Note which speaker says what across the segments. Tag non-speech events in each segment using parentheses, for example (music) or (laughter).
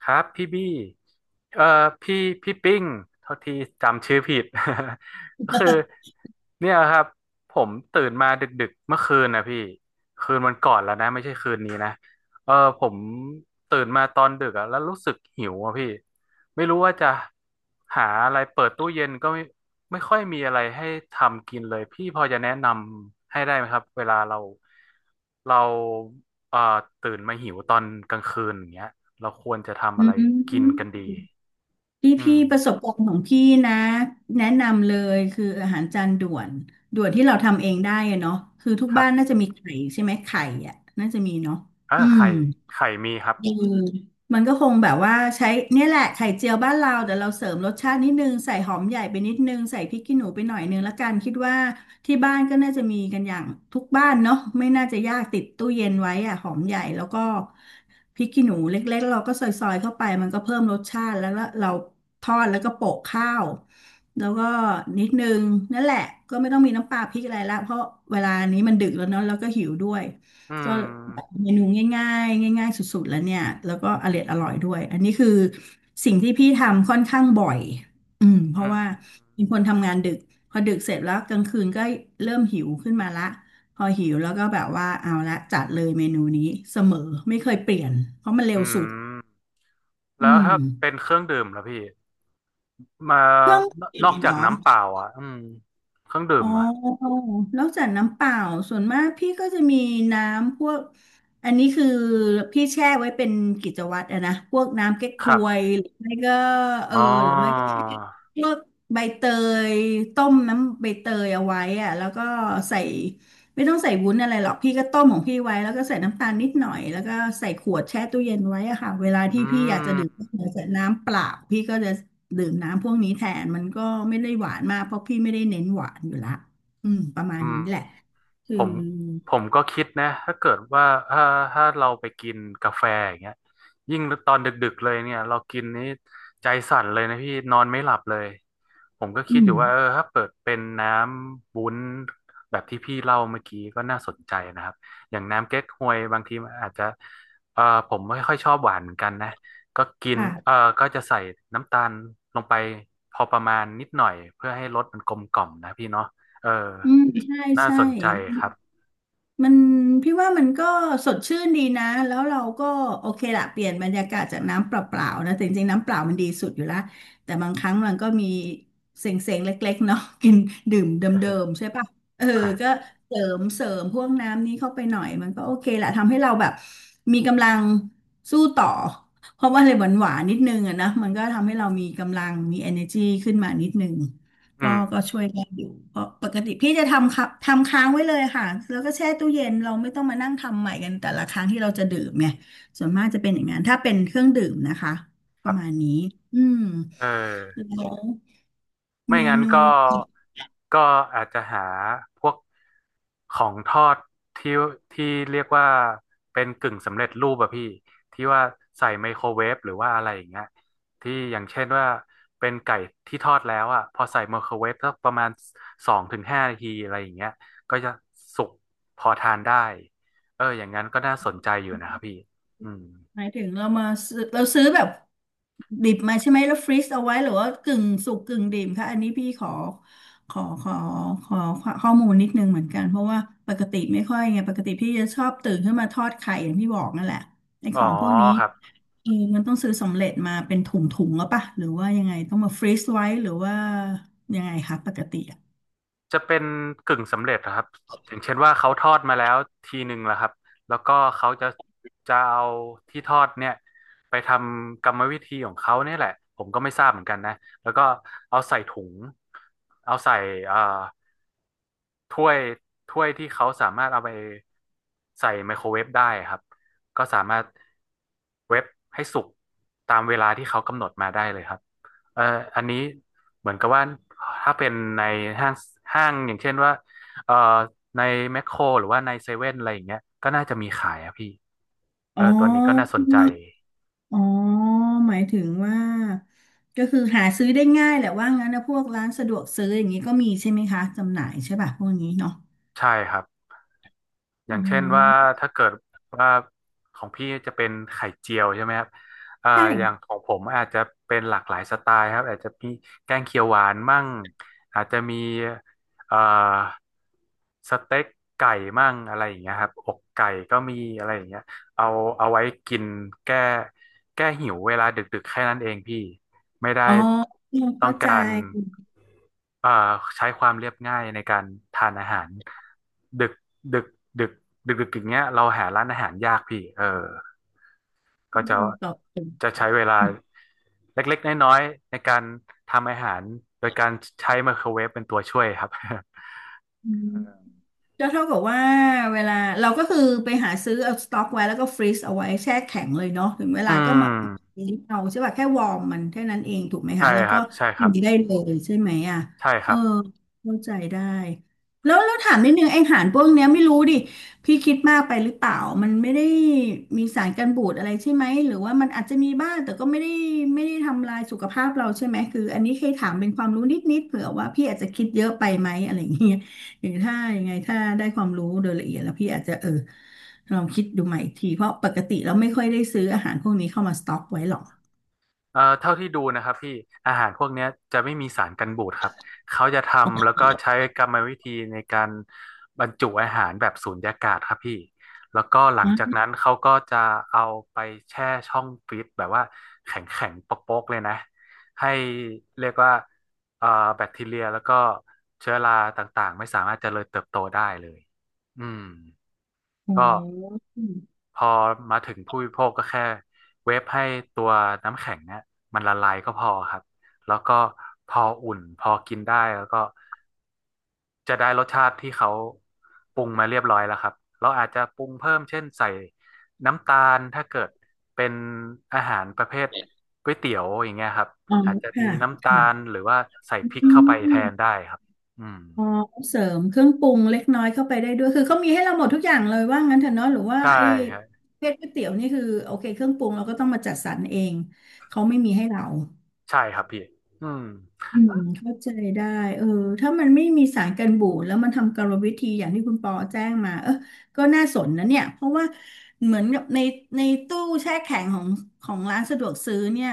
Speaker 1: ครับพี่บี้เอ่อพี่พี่ปิ้งเท่าที่จำชื่อผิด (laughs) ก็คือเนี่ยครับผมตื่นมาดึกๆเมื่อคืนนะพี่คืนวันก่อนแล้วนะไม่ใช่คืนนี้นะเออผมตื่นมาตอนดึกอะแล้วรู้สึกหิวอะพี่ไม่รู้ว่าจะหาอะไรเปิดตู้เย็นก็ไม่ค่อยมีอะไรให้ทำกินเลยพี่พอจะแนะนำให้ได้ไหมครับเวลาเราเอ่อตื่นมาหิวตอนกลางคืนอย่างเงี้ย เราควรจะทำ
Speaker 2: อื
Speaker 1: อะไรกิน
Speaker 2: ม
Speaker 1: กันดี
Speaker 2: พี่
Speaker 1: อื
Speaker 2: พี่
Speaker 1: ม
Speaker 2: ประสบการณ์ของพี่นะแนะนำเลยคืออาหารจานด่วนที่เราทำเองได้อะเนาะคือทุก
Speaker 1: ครั
Speaker 2: บ้า
Speaker 1: บ
Speaker 2: นน่าจะมีไข่ใช่ไหมไข่อ่ะน่าจะมีเนาะ
Speaker 1: เออ
Speaker 2: อืม
Speaker 1: ไข่ไข่มีครับ
Speaker 2: อืมมันก็คงแบบว่าใช้เนี่ยแหละไข่เจียวบ้านเราแต่เราเสริมรสชาตินิดนึงใส่หอมใหญ่ไปนิดนึงใส่พริกขี้หนูไปหน่อยนึงละกันคิดว่าที่บ้านก็น่าจะมีกันอย่างทุกบ้านเนาะไม่น่าจะยากติดตู้เย็นไว้อะหอมใหญ่แล้วก็พริกขี้หนูเล็กๆเราก็ซอยๆเข้าไปมันก็เพิ่มรสชาติแล้วละเราทอดแล้วก็โปะข้าวแล้วก็นิดนึงนั่นแหละก็ไม่ต้องมีน้ำปลาพริกอะไรละเพราะเวลานี้มันดึกแล้วเนาะแล้วก็หิวด้วย
Speaker 1: อื
Speaker 2: ก็แบบ
Speaker 1: ม
Speaker 2: เมนูง่ายๆง่ายๆสุดๆแล้วเนี่ยแล้วก็อร่อยด้วยอันนี้คือสิ่งที่พี่ทำค่อนข้างบ่อยอืมเพ
Speaker 1: อื
Speaker 2: ราะว่า
Speaker 1: ม
Speaker 2: เป็นคนทำงานดึกพอดึกเสร็จแล้วกลางคืนก็เริ่มหิวขึ้นมาละพอหิวแล้วก็แบบว่าเอาละจัดเลยเมนูนี้เสมอไม่เคยเปลี่ยนเพราะมันเร็
Speaker 1: อื
Speaker 2: วสุด
Speaker 1: ม
Speaker 2: อื
Speaker 1: แล้ว
Speaker 2: ม
Speaker 1: ถ้าเป็นเครื่องดื่มล่ะพี่มา
Speaker 2: เครื่อง
Speaker 1: นนอก
Speaker 2: ดื่ม
Speaker 1: จา
Speaker 2: เหร
Speaker 1: ก
Speaker 2: อ
Speaker 1: น้ำเปล่าอ่ะอืมเครื่องดื่
Speaker 2: อ๋
Speaker 1: มอ่ะ
Speaker 2: อนอกจากน้ำเปล่าส่วนมากพี่ก็จะมีน้ำพวกอันนี้คือพี่แช่ไว้เป็นกิจวัตรอะนะพวกน้ำเก๊ก
Speaker 1: ค
Speaker 2: ฮ
Speaker 1: รั
Speaker 2: วย
Speaker 1: บ
Speaker 2: หรือไม่ก็เออ
Speaker 1: อ๋อ
Speaker 2: หรือไม่ก็พวกใบเตยต้มน้ำใบเตยเอาไว้อะแล้วก็ใส่ไม่ต้องใส่วุ้นอะไรหรอกพี่ก็ต้มของพี่ไว้แล้วก็ใส่น้ำตาลนิดหน่อยแล้วก็ใส่ขวดแช่ตู้เย็นไว้อะค่ะเวลาที่
Speaker 1: อื
Speaker 2: พี่อยากจะดื่ม
Speaker 1: ม
Speaker 2: เหลือจากน้ำเปล่าพี่ก็จะ ดื่มน้ำพวกนี้แทนมันก็ไม่ได้หวานมากเพราะพี่ไม่ได้เน้นหวานอยู่ละอืมประมา
Speaker 1: อื
Speaker 2: ณ
Speaker 1: ม
Speaker 2: นี้แหละคื
Speaker 1: ผ
Speaker 2: อ
Speaker 1: มผมก็คิดนะถ้าเกิดว่าถ้าเราไปกินกาแฟอย่างเงี้ยยิ่งตอนดึกๆเลยเนี่ยเรากินนี้ใจสั่นเลยนะพี่นอนไม่หลับเลยผมก็คิ
Speaker 2: อื
Speaker 1: ดอ
Speaker 2: ม
Speaker 1: ยู่ว่าเออถ้าเปิดเป็นน้ำวุ้นแบบที่พี่เล่าเมื่อกี้ก็น่าสนใจนะครับอย่างน้ำเก๊กฮวยบางทีมันอาจจะเออผมไม่ค่อยชอบหวานเหมือนกันนะก็กินเออ
Speaker 2: ค่ะ
Speaker 1: ก็จะใส่น้ำตาลลงไปพอประมาณนิดหน่อยเพื่อให้รสมันกลมกล่อมนะพี่เนาะ เออ
Speaker 2: อืมใช่
Speaker 1: น่า
Speaker 2: ใช่
Speaker 1: สนใจครับ
Speaker 2: มันพี่ว่ามันก็สดชื่นดีนะแล้วเราก็โอเคละเปลี่ยนบรรยากาศจากน้ำเปล่าๆนะแต่จริงๆน้ำเปล่ามันดีสุดอยู่ละแต่บางครั้งมันก็มีเซ็งๆเล็กๆเนาะ (laughs) กินดื่มเดิมๆ
Speaker 1: (laughs)
Speaker 2: ใช่ปะเออก็เสริมพวกน้ำนี้เข้าไปหน่อยมันก็โอเคละทำให้เราแบบมีกำลังสู้ต่อเพราะว่าอะไรหวานๆนิดนึงอะนะมันก็ทำให้เรามีกำลังมี energy ขึ้นมานิดนึง ก็
Speaker 1: อืม
Speaker 2: ก็ช่วยได้อยู่เพราะปกติพี่จะทำค่ะทำค้างไว้เลยค่ะแล้วก็แช่ตู้เย็นเราไม่ต้องมานั่งทำใหม่กันแต่ละครั้งที่เราจะดื่มเนี่ยส่วนมากจะเป็นอย่างนั้นถ้าเป็นเครื่องดื่มนะคะป
Speaker 1: ครั
Speaker 2: ระ
Speaker 1: บ
Speaker 2: มาณนี้อืม
Speaker 1: เออ
Speaker 2: แล้ว
Speaker 1: ไม่
Speaker 2: เม
Speaker 1: งั้น
Speaker 2: นู
Speaker 1: ก็ก็อาจจะหาพวกของทอดที่ที่เรียกว่าเป็นกึ่งสำเร็จรูปอะพี่ที่ว่าใส่ไมโครเวฟหรือว่าอะไรอย่างเงี้ยที่อย่างเช่นว่าเป็นไก่ที่ทอดแล้วอะพอใส่ไมโครเวฟสักประมาณสองถึงห้านาทีอะไรอย่างเงี้ยก็จะสุกพอทานได้เอออย่างนั้นก็น่าสนใจอยู่นะครับพี่อืม
Speaker 2: หมายถึงเรามาซื้อเราซื้อแบบดิบมาใช่ไหมแล้วฟรีซเอาไว้หรือว่ากึ่งสุกกึ่งดิบคะอันนี้พี่ขอขอขอข้อมูลนิดนึงเหมือนกันเพราะว่าปกติไม่ค่อยไงปกติพี่จะชอบตื่นขึ้นมาทอดไข่อย่างที่บอกนั่นแหละไอ้
Speaker 1: อ๋
Speaker 2: ข
Speaker 1: อ
Speaker 2: องพวกนี้
Speaker 1: ครับ
Speaker 2: เออมันต้องซื้อสำเร็จมาเป็นถุงแล้วปะหรือว่ายังไงต้องมาฟรีซไว้หรือว่ายังไงคะปกติอะ
Speaker 1: จะเป็นกึ่งสำเร็จนะครับอย่างเช่นว่าเขาทอดมาแล้วทีหนึ่งแล้วครับแล้วก็เขาจะจะเอาที่ทอดเนี่ยไปทำกรรมวิธีของเขาเนี่ยแหละผมก็ไม่ทราบเหมือนกันนะแล้วก็เอาใส่ถุงเอาใส่เอ่อถ้วยถ้วยที่เขาสามารถเอาไปใส่ไมโครเวฟได้ครับก็สามารถเวฟให้สุกตามเวลาที่เขากำหนดมาได้เลยครับ เอ่ออันนี้เหมือนกับว่าถ้าเป็นในห้างห้างอย่างเช่นว่าเอ่อในแมคโครหรือว่าในเซเว่นอะไรอย่างเงี้ยก็น่าจะมีขายอะพี่เอ
Speaker 2: อ๋อ
Speaker 1: อตัวนี้ก็น่าสนใจ
Speaker 2: อ๋อหมายถึงว่าก็คือหาซื้อได้ง่ายแหละว่างั้นนะพวกร้านสะดวกซื้ออย่างนี้ก็มีใช่ไหมคะจำหน่ายใช่ป่ะพวกนี้เนาะ
Speaker 1: ใช่ครับ อ
Speaker 2: อ๋
Speaker 1: ย่างเช่นว่า
Speaker 2: อ
Speaker 1: ถ้าเกิดว่าของพี่จะเป็นไข่เจียวใช่ไหมครับเอ่อ
Speaker 2: ใช่
Speaker 1: อย่างของผมอาจจะเป็นหลากหลายสไตล์ครับอาจจะมีแกงเขียวหวานมั่งอาจจะมีเอ่อสเต็กไก่มั่งอะไรอย่างเงี้ยครับอกไก่ก็มีอะไรอย่างเงี้ยเอาเอาไว้กินแก้แก้หิวเวลาดึกๆแค่นั้นเองพี่ ไม่ได้
Speaker 2: อ๋อ
Speaker 1: ต้อ
Speaker 2: เข้า
Speaker 1: ง
Speaker 2: ใจ
Speaker 1: การเอ่อใช้ความเรียบง่ายในการทานอาหารดึกดึกดึกดึกอย่างเงี้ยเราหาร้านอาหารยากพี่เออ
Speaker 2: อื
Speaker 1: ก็จะ
Speaker 2: มตอบถูก
Speaker 1: จะใช้เวลาเล็กๆน้อยๆในการทำอาหารโดยการใช้ไมโครเวฟเป็นตัวช่วยครับ
Speaker 2: อืม
Speaker 1: (laughs) เออ
Speaker 2: ก็เท่ากับว่าเวลาเราก็คือไปหาซื้อเอาสต็อกไว้แล้วก็ฟรีซเอาไว้แช่แข็งเลยเนาะถึงเว
Speaker 1: อื
Speaker 2: ลาก็มา
Speaker 1: ม
Speaker 2: ลิ้เอาใช่ป่ะแค่วอร์มมันแค่นั้นเองถูกไหม
Speaker 1: ใช่
Speaker 2: คะแล้ว
Speaker 1: ค
Speaker 2: ก็
Speaker 1: รับใช่ค
Speaker 2: กิ
Speaker 1: รั
Speaker 2: น
Speaker 1: บ
Speaker 2: ได้เลยใช่ไหมอ่ะ
Speaker 1: ใช่ค
Speaker 2: เออ
Speaker 1: รับ
Speaker 2: เข้าใจได้แล้วถามนิดนึงไออาหารพวกเนี้ยไม่รู้ดิพี่คิดมากไปหรือเปล่ามันไม่ได้มีสารกันบูดอะไรใช่ไหมหรือว่ามันอาจจะมีบ้างแต่ก็ไม่ได้ทำลายสุขภาพเราใช่ไหมคืออันนี้เคยถามเป็นความรู้นิดๆเผื่อว่าพี่อาจจะคิดเยอะไปไหมอะไรอย่างเงี้ย หรือถ้ายังไงถ้าได้ความรู้โดยละเอียดแล้วพี่อาจจะเออลองคิดดูใหม่อีกทีเพราะปกติเราไม่ค่อยได้ซื้ออาหารพวกนี้เข้ามาสต็อกไว้หรอก
Speaker 1: เท่าที่ดูนะครับพี่อาหารพวกเนี้ยจะไม่มีสารกันบูดครับเขาจะทำ
Speaker 2: โอ
Speaker 1: แล้วก็ใช้กรรมวิธีในการบรรจุอาหารแบบสูญญากาศครับพี่แล้วก็หลัง
Speaker 2: น
Speaker 1: จาก
Speaker 2: ะ
Speaker 1: นั้นเขาก็จะเอาไปแช่ช่องฟรีซแบบว่าแข็งแข็งโป๊กๆเลยนะให้เรียกว่าเอ่อแบคทีเรียแล้วก็เชื้อราต่างๆไม่สามารถเจริญเติบโตได้เลยอืมก็ พอมาถึงผู้บริโภคก็แค่เวฟให้ตัวน้ำแข็งเนี่ยมันละลายก็พอครับแล้วก็พออุ่นพอกินได้แล้วก็จะได้รสชาติที่เขาปรุงมาเรียบร้อยแล้วครับเราอาจจะปรุงเพิ่มเช่นใส่น้ำตาลถ้าเกิดเป็นอาหารประเภทก๋วยเตี๋ยวอย่างเงี้ยครับอาจจะมี
Speaker 2: ค่ะ
Speaker 1: น้ำตาล
Speaker 2: ค่ะ
Speaker 1: หรือว่าใส่พริก
Speaker 2: อื
Speaker 1: เข้าไปแทน
Speaker 2: ม
Speaker 1: ได้ครับอืม
Speaker 2: พอเสริมเครื่องปรุงเล็กน้อยเข้าไปได้ด้วยคือเขามีให้เราหมดทุกอย่างเลยว่างั้นเถอะเนาะหรือว่า
Speaker 1: ใช่
Speaker 2: ไอ้
Speaker 1: ฮะ
Speaker 2: ประเภทก๋วยเตี๋ยวนี่คือโอเคเครื่องปรุงเราก็ต้องมาจัดสรรเองเขาไม่มีให้เรา
Speaker 1: ใช่ครับพี่อืม
Speaker 2: เข้าใจได้เออถ้ามันไม่มีสารกันบูดแล้วมันทำกรรมวิธีอย่างที่คุณปอแจ้งมาก็น่าสนนะเนี่ยเพราะว่าเหมือนกับในตู้แช่แข็งของร้านสะดวกซื้อเนี่ย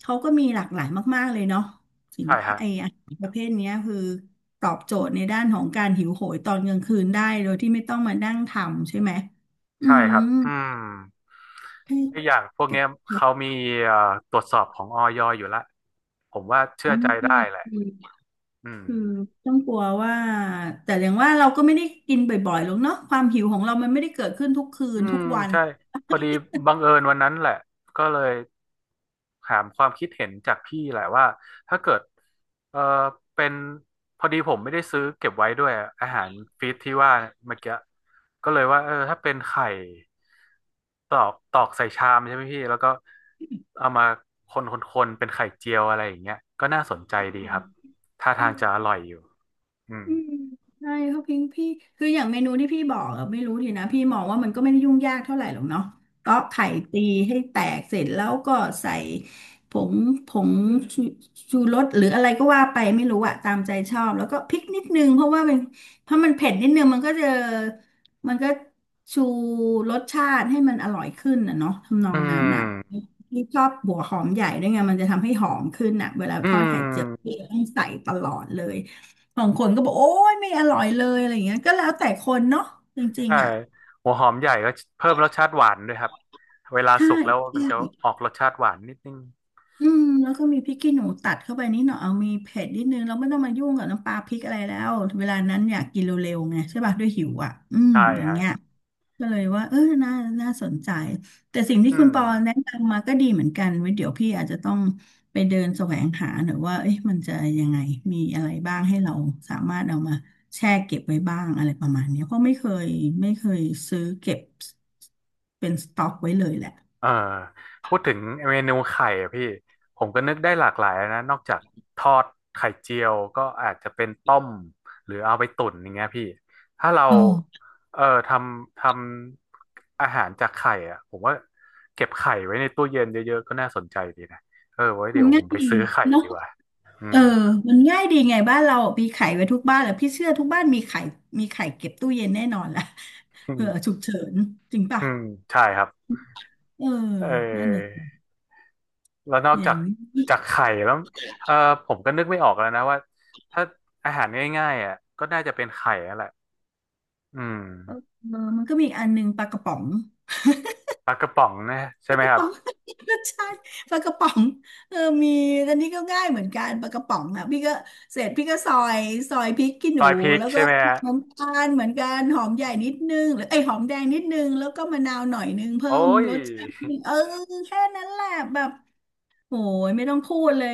Speaker 2: เขาก็มีหลากหลายมากๆเลยเนาะสิน
Speaker 1: ใช่
Speaker 2: ค้า
Speaker 1: ฮะ
Speaker 2: ไอ้อาหารประเภทเนี้ยคือตอบโจทย์ในด้านของการหิวโหยตอนกลางคืนได้โดยที่ไม่ต้องมานั่งทำใช่ไหมอื
Speaker 1: ใช่ค
Speaker 2: ม
Speaker 1: รับอืม
Speaker 2: แ
Speaker 1: และอย่างพวก
Speaker 2: ่แ
Speaker 1: เนี้ยเขามีเอ่อตรวจสอบของอยอยู่ละผมว่าเชื่
Speaker 2: อ๋
Speaker 1: อใจได้แหละ
Speaker 2: อ
Speaker 1: อืม
Speaker 2: คือต้องกลัวว่าแต่อย่างว่าเราก็ไม่ได้กินบ่อยๆหรอกเนาะความหิวของเรามันไม่ได้เกิดขึ้นทุกคื
Speaker 1: อื
Speaker 2: นทุ
Speaker 1: ม
Speaker 2: กวัน
Speaker 1: ใช่พอดีบังเอิญวันนั้นแหละก็เลยถามความคิดเห็นจากพี่แหละว่าถ้าเกิดเออเป็นพอดีผมไม่ได้ซื้อเก็บไว้ด้วยอะอาหารฟีดที่ว่าเมื่อกี้ก็เลยว่าเออถ้าเป็นไข่ตอกตอกใส่ชามใช่ไหมพี่แล้วก็เอามาคนเป็นไข่เจียวอะไรอย่างเงี้ยก็น่าสนใจดีครับท่าทางจะอร่อยอยู่อืม
Speaker 2: อืมใช่เขาพิงพี่คืออย่างเมนูที่พี่บอกอะไม่รู้ดีนะพี่มองว่ามันก็ไม่ได้ยุ่งยากเท่าไหร่หรอกเนาะตอกไข่ตีให้แตกเสร็จแล้วก็ใส่ผงผงชูชูรสหรืออะไรก็ว่าไปไม่รู้อะตามใจชอบแล้วก็พริกนิดนึงเพราะมันเผ็ดนิดนึงมันก็ชูรสชาติให้มันอร่อยขึ้นนะเนาะทำนอ
Speaker 1: อื
Speaker 2: งนั้นอะ
Speaker 1: ม
Speaker 2: พี่ชอบหัวหอมใหญ่ด้วยไงมันจะทำให้หอมขึ้นอะเวลา
Speaker 1: อื
Speaker 2: ทอดไข่เจียวพี่
Speaker 1: ม
Speaker 2: ต้องใส่ตลอดเลย บางคนก็บอกโอ้ยไม่อร่อยเลยอะไรอย่างเงี้ยก็แล้วแต่คนเนาะจริง
Speaker 1: ใช่
Speaker 2: ๆอ่ะ
Speaker 1: หัวหอมใหญ่ก็เพิ่มรสชาติหวานด้วยครับเวลา
Speaker 2: ใช่
Speaker 1: สุกแล้วมันจะออกรสชาติหวานนิดนึง
Speaker 2: อืมแล้วก็มีพริกขี้หนูตัดเข้าไปนิดหน่อยเอามีเผ็ดนิดนึงเราไม่ต้องมายุ่งกับน้ำปลาพริกอะไรแล้วเวลานั้นอยากกินเร็วๆไงใช่ป่ะด้วยหิวอ่ะอืม
Speaker 1: ใช่
Speaker 2: อย่าง
Speaker 1: ฮะ
Speaker 2: เงี้ยก็เลยว่าน่าสนใจแต่สิ่งที่
Speaker 1: อื
Speaker 2: คุณ
Speaker 1: ม
Speaker 2: ปอแนะนำมาก็ดีเหมือนกันไว้เดี๋ยวพี่อาจจะต้องไปเดินแสวงหาหน่อยว่าเอ๊ะมันจะยังไงมีอะไรบ้างให้เราสามารถเอามาแช่เก็บไว้บ้างอะไรประมาณเนี้ยเพราะไม่เคยซื้อเก็บเป็นสต็อกไว้เลยแหละ
Speaker 1: เออพูดถึงเมนูไข่อะพี่ผมก็นึกได้หลากหลายนะนอกจากทอดไข่เจียวก็อาจจะเป็นต้มหรือเอาไปตุ๋นอย่างเงี้ยพี่ถ้าเรา
Speaker 2: โอ้
Speaker 1: เออทำอาหารจากไข่อะผมว่าเก็บไข่ไว้ในตู้เย็นเยอะๆก็น่าสนใจดีนะเออไว้
Speaker 2: มั
Speaker 1: เดี๋
Speaker 2: น
Speaker 1: ยวผ
Speaker 2: ง่าย
Speaker 1: มไป
Speaker 2: ดี
Speaker 1: ซื้อไข่
Speaker 2: เนาะ
Speaker 1: ดีกว่าอื
Speaker 2: เออ
Speaker 1: ม
Speaker 2: มันง่ายดีไงบ้านเรามีไข่ไว้ทุกบ้านแหละพี่เชื่อทุกบ้านมีไข่มีไข่เก็บตู้เย็นแน่นอนแหละ (laughs) เผื่อฉุกเฉินจริงป่ะ
Speaker 1: อืมใช่ครับ
Speaker 2: เออ
Speaker 1: เ
Speaker 2: นั่นน่ะ
Speaker 1: ออ
Speaker 2: สิ
Speaker 1: แล้วนอก
Speaker 2: อย่า
Speaker 1: จา
Speaker 2: ง
Speaker 1: ก
Speaker 2: นี้
Speaker 1: จากไข่แล้วเออผมก็นึกไม่ออกแล้วนะว่าถ้าอาหารง่ายๆอ่ะก็น่าจะเป็นไข่นั่นแหละอืม
Speaker 2: เออมันก็มีอกอันหนึงปลากระป๋อง
Speaker 1: ปลากระป๋องนะใช่
Speaker 2: ปลา
Speaker 1: ไหม
Speaker 2: ก
Speaker 1: ค
Speaker 2: ระ
Speaker 1: รับ
Speaker 2: ป๋อง (laughs) ก็ใช่ปลากระป๋องเออมีอันนี้ก็ง่ายเหมือนกันปลากระป๋องอ่ะพี่ก็เสร็จพี่ก็ซอยพริกขี้
Speaker 1: ซ
Speaker 2: หนู
Speaker 1: อยพริก
Speaker 2: แล้วก็
Speaker 1: ใช่ไหมฮะ
Speaker 2: น้ำตาลเหมือนกันหอมใหญ่นิดนึงหรือไอยหอมแดงนิดนึงแล้วก็มะนาวหน่อยนึงเพิ่
Speaker 1: โอ้
Speaker 2: ม
Speaker 1: ย
Speaker 2: รสชาติเออแค่นั้นแหละแบบ โหยไม่ต้องพูดเลย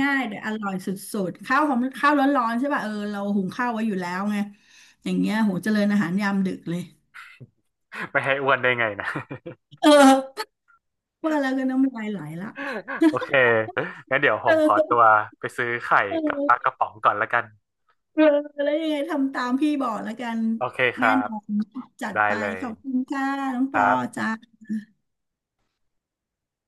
Speaker 2: ง่ายๆแต่อร่อยสุดๆข้าวหอมข้าวร้อนๆใช่ป่ะเออเราหุงข้าวไว้อยู่แล้วไงอย่างเงี้ยโหเจริญอาหารยามดึกเลย
Speaker 1: (laughs) ไม่ให้อ้วนได้ไงนะ
Speaker 2: เออว่าแล้วก็น้ำลายไหลละ
Speaker 1: (laughs) โอเค
Speaker 2: (laughs)
Speaker 1: งั้นเดี๋ยวผ
Speaker 2: เอ
Speaker 1: มขอตัว
Speaker 2: อ
Speaker 1: ไปซื้อไข่
Speaker 2: เ
Speaker 1: กับปลา
Speaker 2: ออ
Speaker 1: กระป๋องก่อนละกัน
Speaker 2: เออแล้วยังไงทำตามพี่บอกแล้วกัน
Speaker 1: โอเคค
Speaker 2: แน่
Speaker 1: รั
Speaker 2: น
Speaker 1: บ
Speaker 2: อนจัด
Speaker 1: ได้
Speaker 2: ไป
Speaker 1: เล
Speaker 2: ข
Speaker 1: ย
Speaker 2: อบคุณค่ะน้อง
Speaker 1: ค
Speaker 2: ปอ
Speaker 1: รับ
Speaker 2: จ้า